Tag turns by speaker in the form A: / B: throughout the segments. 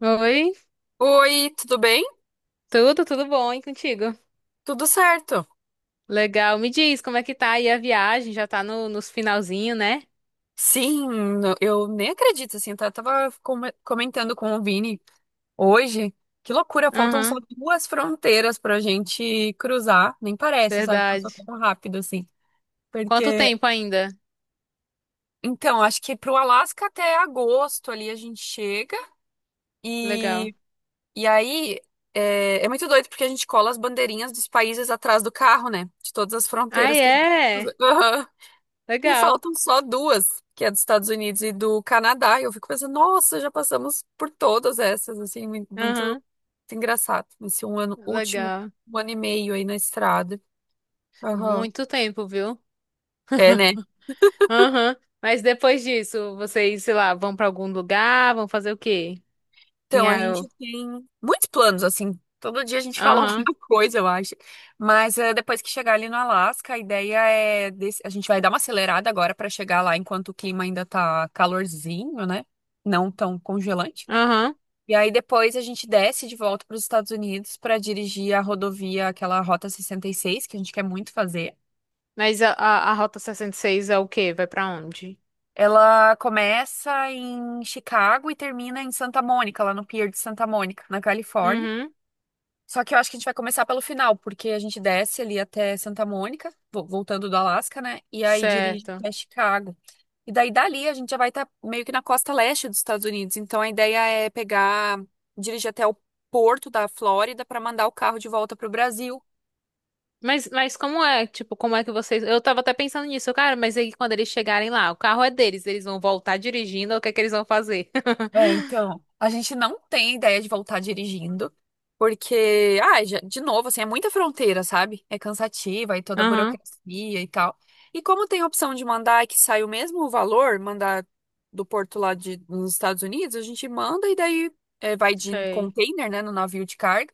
A: Oi,
B: Oi, tudo bem?
A: tudo, tudo bom, hein, contigo?
B: Tudo certo?
A: Legal, me diz como é que tá aí a viagem, já tá no, nos finalzinho, né?
B: Sim, eu nem acredito, assim, comentando com o Vini hoje. Que loucura, faltam só
A: Aham,
B: duas fronteiras pra gente cruzar. Nem parece, sabe? Passou
A: verdade.
B: tão rápido assim.
A: Quanto
B: Porque,
A: tempo ainda?
B: então, acho que pro Alasca até agosto ali a gente chega.
A: Legal.
B: E, e aí é, é muito doido porque a gente cola as bandeirinhas dos países atrás do carro, né? De todas as
A: Ah,
B: fronteiras que a gente
A: é?
B: cruza. E
A: Legal.
B: faltam só duas, que é dos Estados Unidos e do Canadá. E eu fico pensando, nossa, já passamos por todas essas, assim, muito, muito
A: Aham,
B: engraçado. Esse um ano, último
A: legal.
B: um ano e meio aí na estrada. Aham.
A: Muito tempo, viu?
B: É, né?
A: Aham, mas depois disso, vocês, sei lá, vão pra algum lugar, vão fazer o quê? Tem
B: Então, a
A: a.
B: gente tem muitos planos, assim. Todo dia a gente fala
A: Aham,
B: alguma coisa, eu acho. Mas é, depois que chegar ali no Alasca, a ideia é... desse- a gente vai dar uma acelerada agora para chegar lá enquanto o clima ainda tá calorzinho, né? Não tão congelante.
A: aham.
B: E aí depois a gente desce de volta para os Estados Unidos para dirigir a rodovia, aquela Rota 66, que a gente quer muito fazer.
A: Mas a Rota 66 é o quê? Vai pra onde?
B: Ela começa em Chicago e termina em Santa Mônica, lá no Pier de Santa Mônica, na Califórnia.
A: Uhum,
B: Só que eu acho que a gente vai começar pelo final, porque a gente desce ali até Santa Mônica, voltando do Alasca, né? E aí dirige
A: certo.
B: até Chicago. E daí dali a gente já vai estar meio que na costa leste dos Estados Unidos. Então a ideia é pegar, dirigir até o porto da Flórida para mandar o carro de volta para o Brasil.
A: Mas tipo, como é que vocês. Eu tava até pensando nisso, cara, mas aí quando eles chegarem lá, o carro é deles, eles vão voltar dirigindo, o que é que eles vão fazer?
B: É, então, a gente não tem ideia de voltar dirigindo, porque, ah, de novo, assim, é muita fronteira, sabe? É cansativa e toda a
A: Aham,
B: burocracia e tal. E como tem a opção de mandar que sai o mesmo valor, mandar do porto lá de, nos Estados Unidos, a gente manda e daí é, vai de
A: sei.
B: container, né, no navio de carga.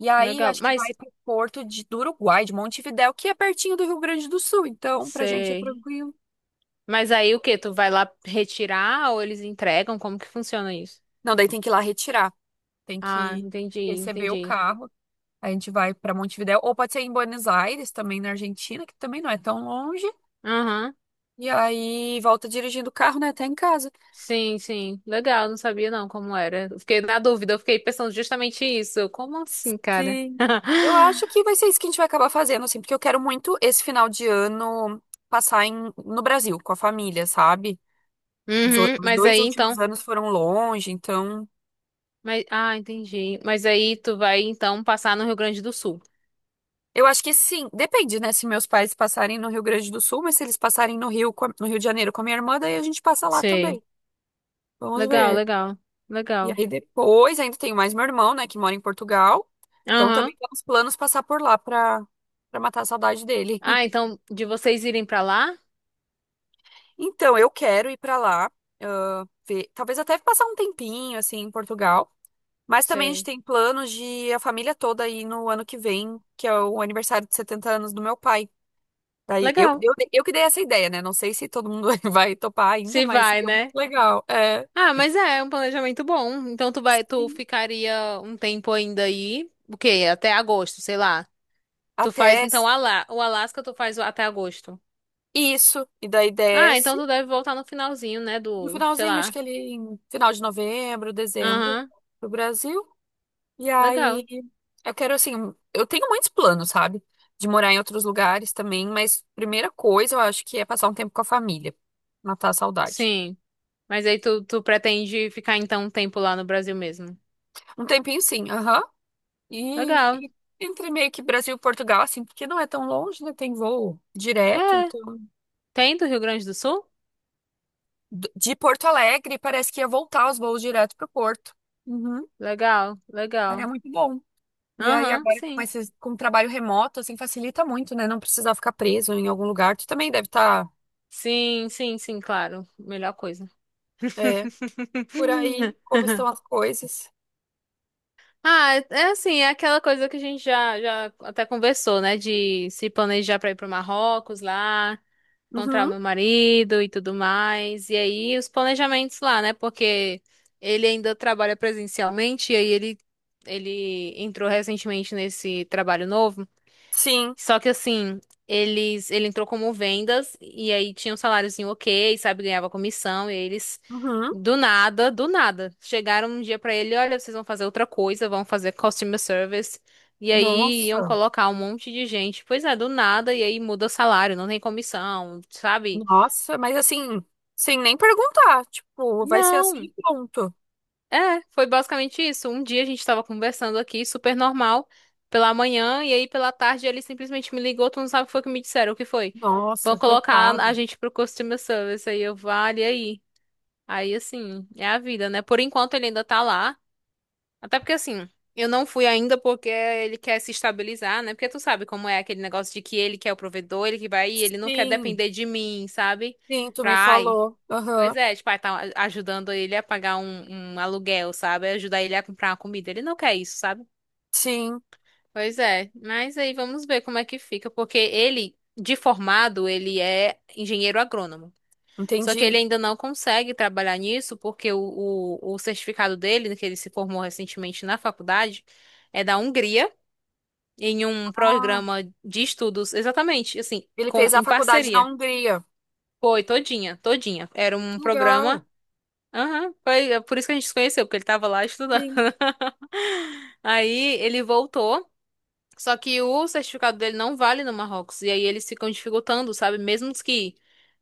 B: E aí, eu
A: Legal,
B: acho que
A: mas.
B: vai pro porto de, do Uruguai, de Montevidéu, que é pertinho do Rio Grande do Sul. Então, pra gente é
A: Sei.
B: tranquilo.
A: Mas aí o quê? Tu vai lá retirar ou eles entregam? Como que funciona isso?
B: Não, daí tem que ir lá retirar. Tem
A: Ah,
B: que
A: entendi,
B: receber o
A: entendi.
B: carro. A gente vai para Montevidéu, ou pode ser em Buenos Aires, também na Argentina, que também não é tão longe.
A: Aham.
B: E aí volta dirigindo o carro, né, até em casa.
A: Sim, sim. Legal, não sabia não como era. Eu fiquei na dúvida, eu fiquei pensando justamente isso. Como assim, cara?
B: Sim. Eu acho que vai ser isso que a gente vai acabar fazendo, assim, porque eu quero muito esse final de ano passar em, no Brasil, com a família, sabe?
A: Uhum,
B: Os
A: mas
B: dois
A: aí
B: últimos
A: então.
B: anos foram longe, então.
A: Mas, ah, entendi. Mas aí tu vai então passar no Rio Grande do Sul.
B: Eu acho que sim, depende, né? Se meus pais passarem no Rio Grande do Sul, mas se eles passarem no Rio, no Rio de Janeiro com a minha irmã, daí a gente passa lá
A: Sei.
B: também. Vamos
A: Legal,
B: ver.
A: legal,
B: E
A: legal.
B: aí depois ainda tenho mais meu irmão, né, que mora em Portugal. Então
A: Aham.
B: também temos planos passar por lá para matar a saudade dele.
A: Ah, então de vocês irem pra lá?
B: Então eu quero ir para lá, ah, ver, talvez até passar um tempinho assim em Portugal. Mas também a gente
A: Sei.
B: tem planos de a família toda ir no ano que vem, que é o aniversário de 70 anos do meu pai. Daí
A: Legal.
B: eu que dei essa ideia, né? Não sei se todo mundo vai topar ainda,
A: Se
B: mas
A: vai,
B: seria muito
A: né?
B: legal. É,
A: Ah, mas é um planejamento bom. Então tu vai, tu
B: sim.
A: ficaria um tempo ainda aí, o quê? Até agosto, sei lá. Tu faz
B: Até
A: então o Alasca, tu faz até agosto.
B: isso. E daí
A: Ah, então
B: desce.
A: tu deve voltar no finalzinho, né,
B: No
A: do, sei
B: finalzinho, acho
A: lá.
B: que ele em final de novembro, dezembro,
A: Aham.
B: pro Brasil. E aí
A: Legal.
B: eu quero assim, eu tenho muitos planos, sabe? De morar em outros lugares também, mas primeira coisa eu acho que é passar um tempo com a família, matar a saudade.
A: Sim. Mas aí tu pretende ficar então um tempo lá no Brasil mesmo?
B: Um tempinho sim, aham. E,
A: Legal.
B: e entre meio que Brasil e Portugal, assim, porque não é tão longe, né? Tem voo direto,
A: É,
B: então
A: tem do Rio Grande do Sul?
B: de Porto Alegre parece que ia voltar os voos direto pro Porto. Uhum.
A: Legal,
B: Aí é
A: legal.
B: muito bom. E aí
A: Aham,
B: agora com
A: sim.
B: esse, com o trabalho remoto, assim, facilita muito, né? Não precisar ficar preso em algum lugar. Tu também deve estar,
A: Sim, sim, sim, claro. Melhor coisa.
B: é, por aí, como estão as coisas.
A: Ah, é assim, é aquela coisa que a gente já até conversou, né? De se planejar pra ir pro Marrocos lá. Encontrar o
B: Uhum,
A: meu marido e tudo mais. E aí os planejamentos lá, né? Porque ele ainda trabalha presencialmente e aí ele entrou recentemente nesse trabalho novo.
B: sim.
A: Só que assim, ele entrou como vendas e aí tinha um saláriozinho OK, sabe, ganhava comissão e aí eles.
B: Uhum.
A: Do nada, do nada. Chegaram um dia pra ele, olha, vocês vão fazer outra coisa, vão fazer customer service. E aí iam
B: Nossa,
A: colocar um monte de gente. Pois é, do nada, e aí muda o salário, não tem comissão, sabe?
B: nossa, mas assim, sem nem perguntar, tipo, vai ser assim
A: Não,
B: e pronto.
A: é, foi basicamente isso. Um dia a gente tava conversando aqui, super normal, pela manhã, e aí pela tarde ele simplesmente me ligou, tu não sabe o que foi que me disseram, o que foi? Vão
B: Nossa,
A: colocar a
B: coitado.
A: gente pro customer service, aí eu, vale, e aí? Aí, assim, é a vida, né? Por enquanto ele ainda tá lá, até porque, assim, eu não fui ainda porque ele quer se estabilizar, né? Porque tu sabe como é aquele negócio de que ele que é o provedor, ele que vai ir, ele não quer
B: Sim,
A: depender de mim, sabe?
B: sim, tu
A: Pra,
B: me
A: ai.
B: falou. Aham,
A: Pois é, tipo, aí tá ajudando ele a pagar um aluguel, sabe? Ajudar ele a comprar uma comida. Ele não quer isso, sabe?
B: sim,
A: Pois é, mas aí vamos ver como é que fica, porque ele, de formado, ele é engenheiro agrônomo. Só que
B: entendi.
A: ele ainda não consegue trabalhar nisso, porque o certificado dele, que ele se formou recentemente na faculdade, é da Hungria, em um
B: Ah,
A: programa de estudos, exatamente, assim,
B: ele
A: com,
B: fez a
A: em
B: faculdade na
A: parceria.
B: Hungria.
A: Foi, todinha, todinha. Era um
B: Que
A: programa.
B: legal.
A: Aham, foi é por isso que a gente se conheceu, porque ele tava lá estudando.
B: Sim.
A: Aí ele voltou, só que o certificado dele não vale no Marrocos, e aí eles ficam dificultando, sabe? Mesmo que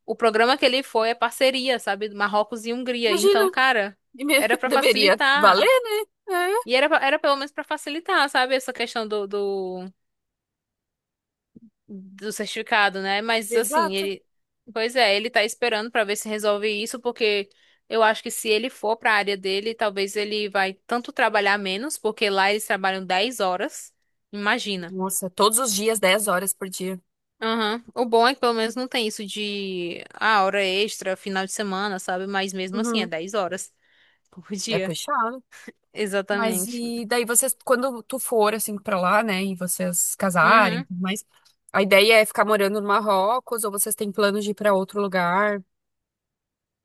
A: o programa que ele foi é parceria, sabe? Do Marrocos e Hungria.
B: Imagina.
A: Então, cara,
B: E me-
A: era pra
B: deveria
A: facilitar.
B: valer, né?
A: Era era pelo menos pra facilitar, sabe? Essa questão do, do certificado, né?
B: É,
A: Mas assim,
B: exato.
A: ele, pois é, ele tá esperando pra ver se resolve isso, porque eu acho que se ele for pra área dele, talvez ele vai tanto trabalhar menos, porque lá eles trabalham 10 horas. Imagina.
B: Nossa, todos os dias, 10 horas por dia.
A: Aham. O bom é que pelo menos não tem isso de hora extra, final de semana, sabe? Mas mesmo assim é
B: Uhum.
A: 10 horas por
B: É
A: dia.
B: puxado. Mas
A: Exatamente.
B: e daí vocês, quando tu for assim pra lá, né, e vocês casarem, e
A: Uhum.
B: tudo mais, a ideia é ficar morando no Marrocos ou vocês têm planos de ir pra outro lugar?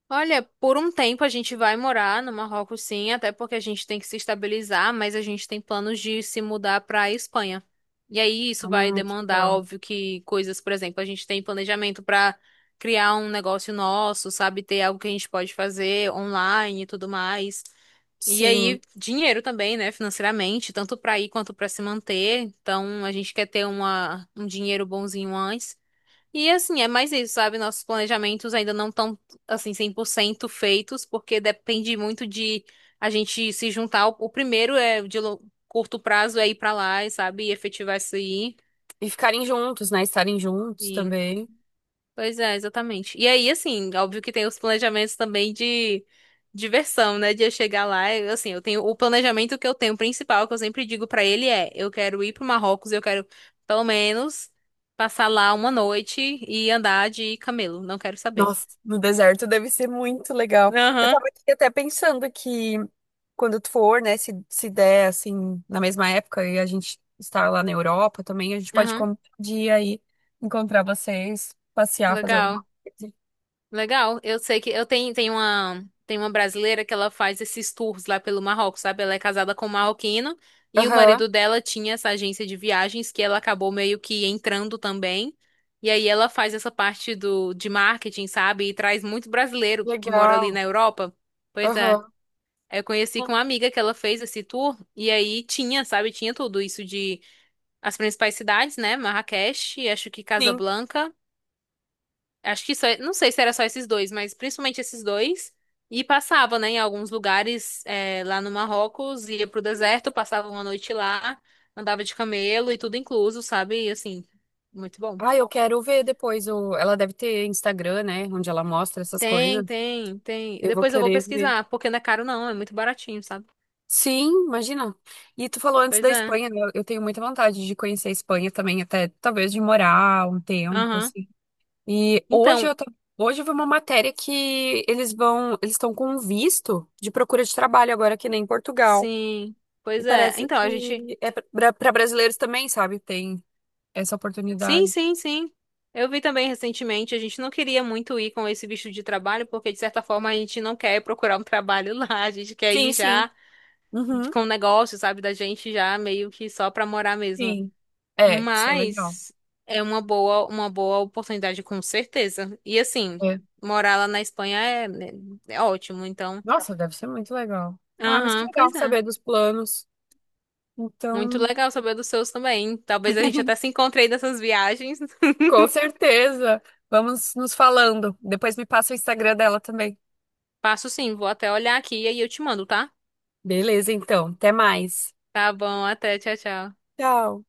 A: Olha, por um tempo a gente vai morar no Marrocos, sim, até porque a gente tem que se estabilizar, mas a gente tem planos de se mudar para a Espanha. E aí isso vai
B: Ai, que
A: demandar,
B: legal.
A: óbvio, que coisas, por exemplo, a gente tem planejamento para criar um negócio nosso, sabe, ter algo que a gente pode fazer online e tudo mais. E
B: Sim,
A: aí dinheiro também, né, financeiramente, tanto para ir quanto para se manter. Então a gente quer ter uma, um dinheiro bonzinho antes. E assim, é mais isso, sabe? Nossos planejamentos ainda não estão, assim, 100% feitos, porque depende muito de a gente se juntar. O primeiro é de curto prazo é ir pra lá, e, sabe? E efetivar isso aí.
B: e ficarem juntos, né, estarem juntos
A: E,
B: também.
A: pois é, exatamente. E aí, assim, óbvio que tem os planejamentos também de diversão, né? De eu chegar lá, eu, assim, eu tenho o planejamento que eu tenho principal, que eu sempre digo pra ele é, eu quero ir pro Marrocos, eu quero pelo menos passar lá uma noite e andar de camelo, não quero saber.
B: Nossa, no deserto deve ser muito legal. Eu
A: Aham,
B: tava aqui até pensando que quando tu for, né, se der, assim, na mesma época e a gente estar lá na Europa também, a gente pode
A: aham.
B: de ir aí encontrar vocês, passear, fazer alguma
A: Legal,
B: coisa.
A: legal. Eu sei que eu tenho, tem uma brasileira que ela faz esses tours lá pelo Marrocos, sabe? Ela é casada com um marroquino e o
B: Aham,
A: marido dela tinha essa agência de viagens que ela acabou meio que entrando também. E aí ela faz essa parte do de marketing, sabe? E traz muito brasileiro que mora ali
B: legal.
A: na Europa. Pois é.
B: Aham.
A: Eu conheci com uma amiga que ela fez esse tour e aí tinha, sabe, tinha tudo isso de as principais cidades, né? Marrakech, acho que
B: Sim.
A: Casablanca. Acho que só, não sei se era só esses dois, mas principalmente esses dois. E passava, né, em alguns lugares lá no Marrocos, ia pro deserto, passava uma noite lá, andava de camelo e tudo incluso, sabe? E assim, muito bom.
B: Ah, eu quero ver depois o... Ela deve ter Instagram, né, onde ela mostra essas
A: Tem,
B: coisas.
A: tem, tem.
B: Eu vou
A: Depois eu vou
B: querer ver.
A: pesquisar, porque não é caro não, é muito baratinho, sabe?
B: Sim, imagina. E tu falou antes
A: Pois
B: da
A: é.
B: Espanha, né? Eu tenho muita vontade de conhecer a Espanha também, até talvez de morar um tempo,
A: Aham.
B: assim. E hoje
A: Então,
B: eu tô, hoje eu vi uma matéria que eles vão, eles estão com um visto de procura de trabalho agora que nem em Portugal.
A: sim.
B: E
A: Pois é.
B: parece
A: Então, a gente.
B: que é para brasileiros também, sabe? Tem essa
A: Sim,
B: oportunidade.
A: sim, sim. Eu vi também recentemente, a gente não queria muito ir com esse visto de trabalho, porque de certa forma a gente não quer procurar um trabalho lá, a gente quer
B: Sim,
A: ir
B: sim.
A: já
B: Uhum,
A: com o negócio, sabe, da gente já meio que só pra morar mesmo.
B: sim. É, isso é legal.
A: Mas é uma boa oportunidade com certeza. E assim,
B: É.
A: morar lá na Espanha é, né, é ótimo, então.
B: Nossa, deve ser muito legal. Ah, mas que
A: Aham,
B: legal
A: pois é.
B: saber dos planos.
A: Muito
B: Então,
A: legal saber dos seus também. Talvez a gente até se encontre aí nessas viagens.
B: com certeza. Vamos nos falando. Depois me passa o Instagram dela também.
A: Passo sim, vou até olhar aqui e aí eu te mando, tá?
B: Beleza, então. Até mais.
A: Tá bom, até, tchau, tchau.
B: Tchau.